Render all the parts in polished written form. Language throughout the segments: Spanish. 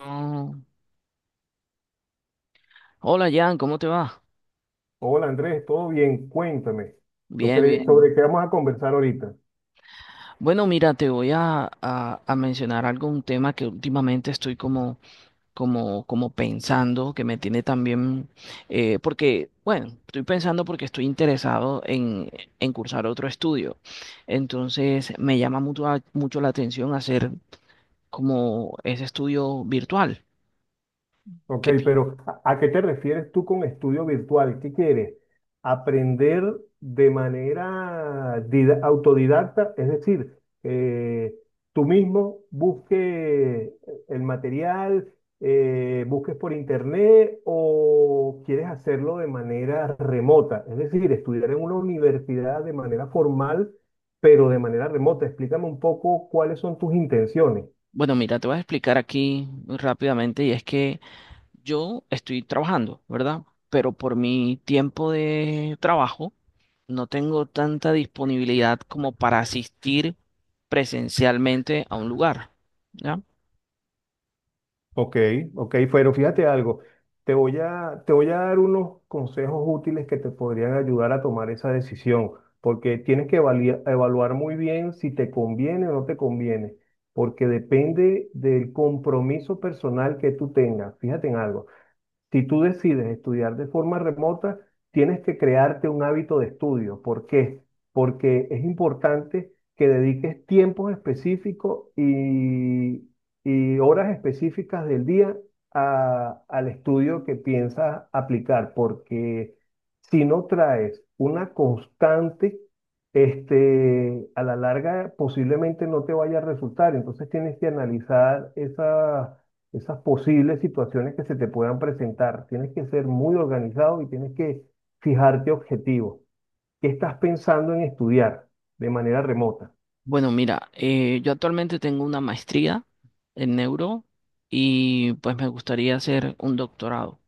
Oh, hola Jan, ¿cómo te va? Hola Andrés, ¿todo bien? Cuéntame, Bien, bien. sobre qué vamos a conversar ahorita. Bueno, mira, te voy a, mencionar algo, un tema que últimamente estoy como pensando, que me tiene también, porque, bueno, estoy pensando porque estoy interesado en cursar otro estudio. Entonces, me llama mucho la atención hacer como ese estudio virtual. Ok, que pi- pero ¿a qué te refieres tú con estudio virtual? ¿Qué quieres? ¿Aprender de manera autodidacta? Es decir, tú mismo busques el material, busques por internet o quieres hacerlo de manera remota. Es decir, estudiar en una universidad de manera formal, pero de manera remota. Explícame un poco cuáles son tus intenciones. bueno, mira, te voy a explicar aquí muy rápidamente y es que yo estoy trabajando, ¿verdad? Pero por mi tiempo de trabajo no tengo tanta disponibilidad como para asistir presencialmente a un lugar, ¿ya? Ok, ok, pero fíjate algo, te voy a dar unos consejos útiles que te podrían ayudar a tomar esa decisión, porque tienes que evaluar muy bien si te conviene o no te conviene, porque depende del compromiso personal que tú tengas. Fíjate en algo. Si tú decides estudiar de forma remota, tienes que crearte un hábito de estudio. ¿Por qué? Porque es importante que dediques tiempos específicos y horas específicas del día al estudio que piensas aplicar, porque si no traes una constante, a la larga posiblemente no te vaya a resultar. Entonces tienes que analizar esas posibles situaciones que se te puedan presentar. Tienes que ser muy organizado y tienes que fijarte objetivos. ¿Qué estás pensando en estudiar de manera remota? Bueno, mira, yo actualmente tengo una maestría en neuro y pues me gustaría hacer un doctorado.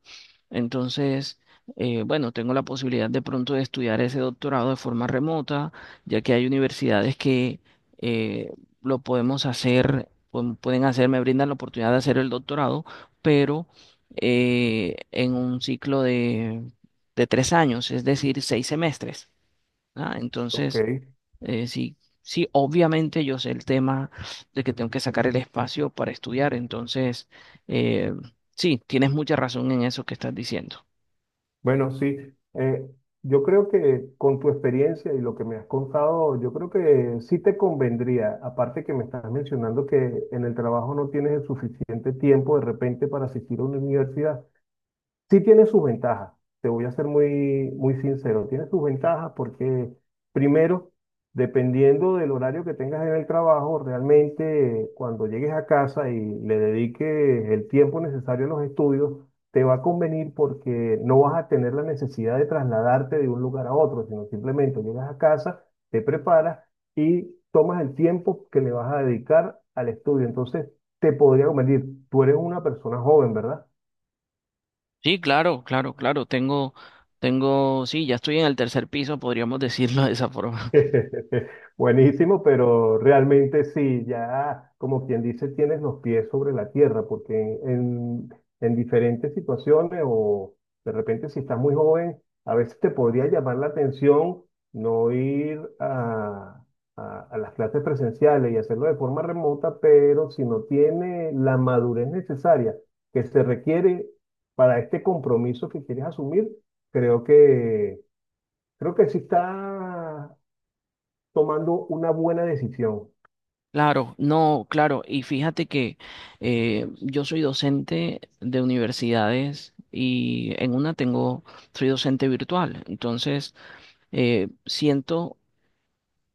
Entonces, bueno, tengo la posibilidad de pronto de estudiar ese doctorado de forma remota, ya que hay universidades que eh, lo podemos hacer, pueden hacer, me brindan la oportunidad de hacer el doctorado, pero en un ciclo de 3 años, es decir, 6 semestres, ¿ah? Ok, Entonces, sí, obviamente yo sé el tema de que tengo que sacar el espacio para estudiar, entonces, eh, sí, tienes mucha razón en eso que estás diciendo. bueno, sí. eh, yo creo que con tu experiencia y lo que me has contado, yo creo que sí te convendría, aparte que me estás mencionando que en el trabajo no tienes el suficiente tiempo de repente para asistir a una universidad. Sí tiene sus ventajas, te voy a ser muy, muy sincero, tiene sus ventajas porque primero, dependiendo del horario que tengas en el trabajo, realmente cuando llegues a casa y le dediques el tiempo necesario a los estudios, te va a convenir porque no vas a tener la necesidad de trasladarte de un lugar a otro, sino simplemente llegas a casa, te preparas y tomas el tiempo que le vas a dedicar al estudio. Entonces, te podría convenir, tú eres una persona joven, ¿verdad? Sí, claro, claro, claro. Sí, ya estoy en el tercer piso, podríamos decirlo de esa forma. Buenísimo, pero realmente sí, ya como quien dice, tienes los pies sobre la tierra, porque en, en diferentes situaciones o de repente si estás muy joven, a veces te podría llamar la atención no a las clases presenciales y hacerlo de forma remota, pero si no tiene la madurez necesaria que se requiere para este compromiso que quieres asumir, creo que... Creo que sí está tomando una buena decisión. Claro, no, claro. Y fíjate que yo soy docente de universidades y en una soy docente virtual. Entonces, siento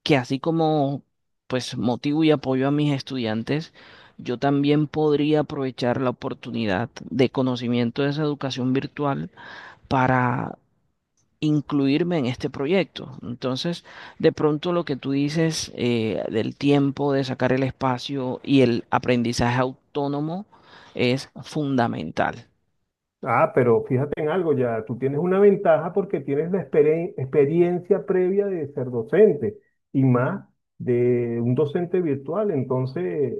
que así como pues motivo y apoyo a mis estudiantes, yo también podría aprovechar la oportunidad de conocimiento de esa educación virtual para incluirme en este proyecto. Entonces, de pronto lo que tú dices del tiempo, de sacar el espacio y el aprendizaje autónomo es fundamental. Ah, pero fíjate en algo ya, tú tienes una ventaja porque tienes la experiencia previa de ser docente y más de un docente virtual, entonces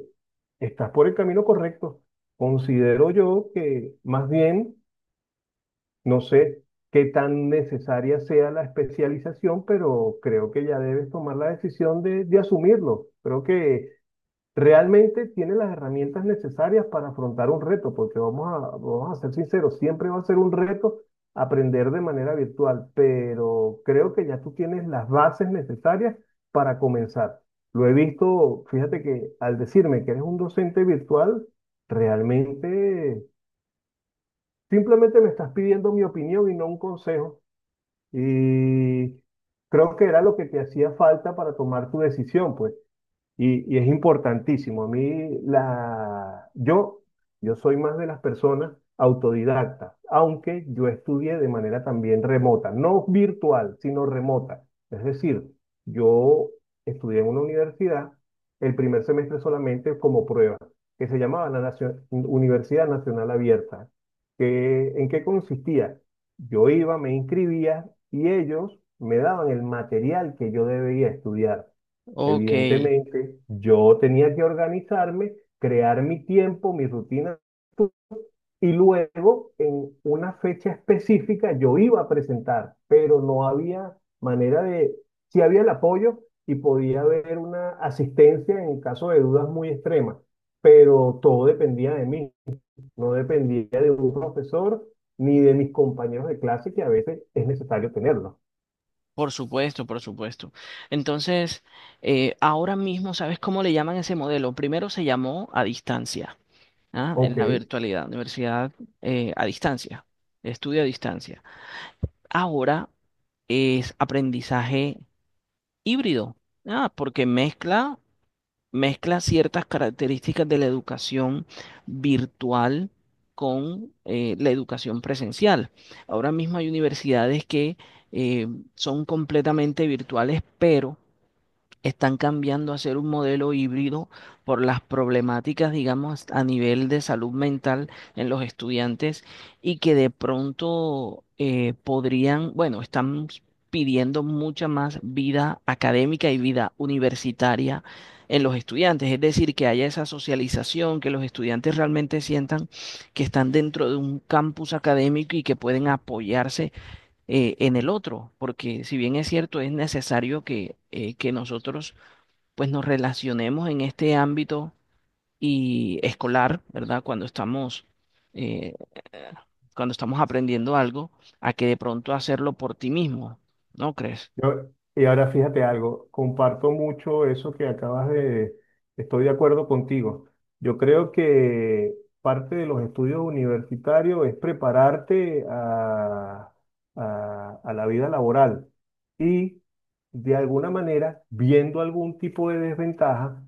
estás por el camino correcto. Considero yo que más bien, no sé qué tan necesaria sea la especialización, pero creo que ya debes tomar la decisión de asumirlo. Creo que realmente tiene las herramientas necesarias para afrontar un reto, porque vamos a ser sinceros, siempre va a ser un reto aprender de manera virtual, pero creo que ya tú tienes las bases necesarias para comenzar. Lo he visto, fíjate que al decirme que eres un docente virtual, realmente simplemente me estás pidiendo mi opinión y no un consejo. Y creo que era lo que te hacía falta para tomar tu decisión, pues. Y es importantísimo. A mí, la, yo soy más de las personas autodidactas, aunque yo estudié de manera también remota, no virtual, sino remota. Es decir, yo estudié en una universidad el primer semestre solamente como prueba, que se llamaba la Universidad Nacional Abierta. ¿En qué consistía? Yo iba, me inscribía y ellos me daban el material que yo debía estudiar. Ok, Evidentemente, yo tenía que organizarme, crear mi tiempo, mi rutina, y luego en una fecha específica yo iba a presentar, pero no había manera sí había el apoyo y podía haber una asistencia en caso de dudas muy extremas, pero todo dependía de mí, no dependía de un profesor ni de mis compañeros de clase, que a veces es necesario tenerlo. por supuesto, por supuesto. Entonces, ahora mismo, ¿sabes cómo le llaman ese modelo? Primero se llamó a distancia, ¿ah? En Ok. la virtualidad, universidad a distancia, estudio a distancia. Ahora es aprendizaje híbrido, ah, porque mezcla ciertas características de la educación virtual con la educación presencial. Ahora mismo hay universidades que eh, son completamente virtuales, pero están cambiando a ser un modelo híbrido por las problemáticas, digamos, a nivel de salud mental en los estudiantes y que de pronto podrían, bueno, están pidiendo mucha más vida académica y vida universitaria en los estudiantes, es decir, que haya esa socialización, que los estudiantes realmente sientan que están dentro de un campus académico y que pueden apoyarse en el otro, porque si bien es cierto, es necesario que nosotros pues nos relacionemos en este ámbito y escolar, ¿verdad? Eh, cuando estamos aprendiendo algo, a que de pronto hacerlo por ti mismo, ¿no crees? Yo- y ahora fíjate algo, comparto mucho eso estoy de acuerdo contigo. Yo creo que parte de los estudios universitarios es prepararte a la vida laboral y de alguna manera, viendo algún tipo de desventaja,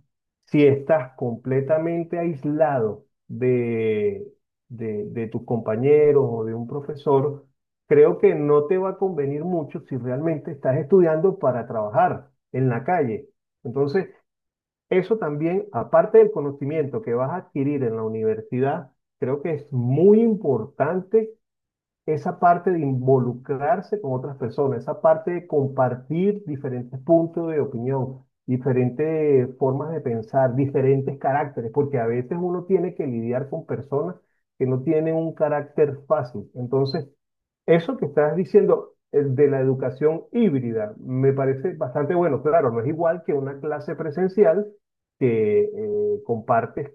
si estás completamente aislado de tus compañeros o de un profesor, creo que no te va a convenir mucho si realmente estás estudiando para trabajar en la calle. Entonces, eso también, aparte del conocimiento que vas a adquirir en la universidad, creo que es muy importante esa parte de involucrarse con otras personas, esa parte de compartir diferentes puntos de opinión, diferentes formas de pensar, diferentes caracteres, porque a veces uno tiene que lidiar con personas que no tienen un carácter fácil. Entonces, eso que estás diciendo de la educación híbrida me parece bastante bueno. Claro, no es igual que una clase presencial que compartes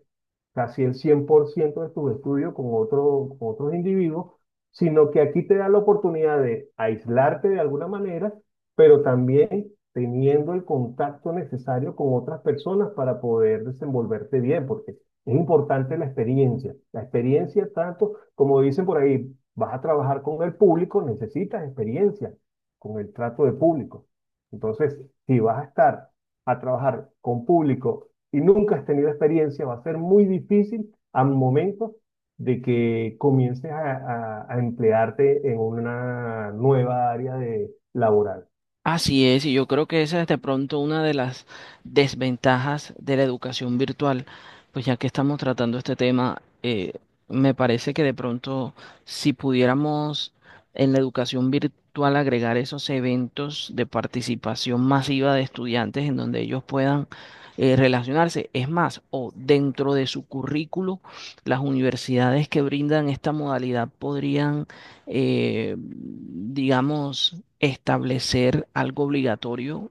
casi el 100% de tus estudios con con otros individuos, sino que aquí te da la oportunidad de aislarte de alguna manera, pero también teniendo el contacto necesario con otras personas para poder desenvolverte bien, porque es importante la experiencia. La experiencia tanto, como dicen por ahí, vas a trabajar con el público, necesitas experiencia con el trato de público. Entonces, si vas a estar a trabajar con público y nunca has tenido experiencia, va a ser muy difícil al momento de que comiences a emplearte en una nueva área de laboral. Así es, y yo creo que esa es de pronto una de las desventajas de la educación virtual, pues ya que estamos tratando este tema, me parece que de pronto si pudiéramos en la educación virtual agregar esos eventos de participación masiva de estudiantes en donde ellos puedan relacionarse, es más, o dentro de su currículo, las universidades que brindan esta modalidad podrían digamos, establecer algo obligatorio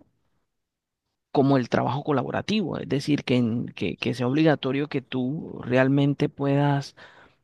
como el trabajo colaborativo, es decir, que sea obligatorio que tú realmente puedas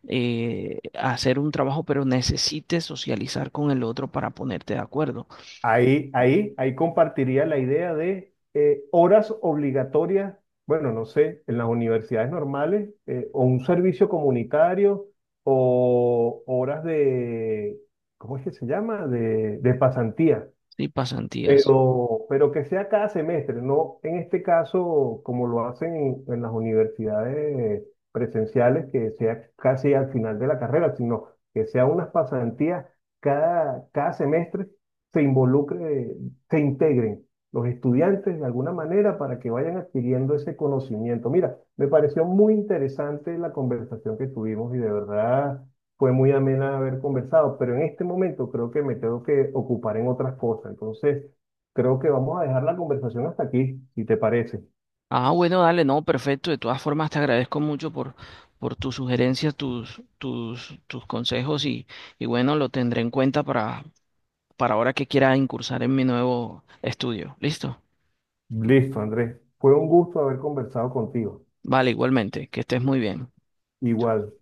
hacer un trabajo, pero necesites socializar con el otro para ponerte de acuerdo. Ahí compartiría la idea de horas obligatorias, bueno, no sé, en las universidades normales, o un servicio comunitario, o horas ¿cómo es que se llama? De pasantía. Sí, pasantías. Pero que sea cada semestre, no en este caso como lo hacen en las universidades presenciales, que sea casi al final de la carrera, sino que sea unas pasantías cada semestre, se involucre, se integren los estudiantes de alguna manera para que vayan adquiriendo ese conocimiento. Mira, me pareció muy interesante la conversación que tuvimos y de verdad fue muy amena haber conversado, pero en este momento creo que me tengo que ocupar en otras cosas. Entonces, creo que vamos a dejar la conversación hasta aquí, si te parece. Ah, bueno, dale, no, perfecto. De todas formas, te agradezco mucho por tus sugerencias, tus consejos y bueno, lo tendré en cuenta para ahora que quiera incursar en mi nuevo estudio. ¿Listo? Listo, Andrés. Fue un gusto haber conversado contigo. Vale, igualmente, que estés muy bien. Igual.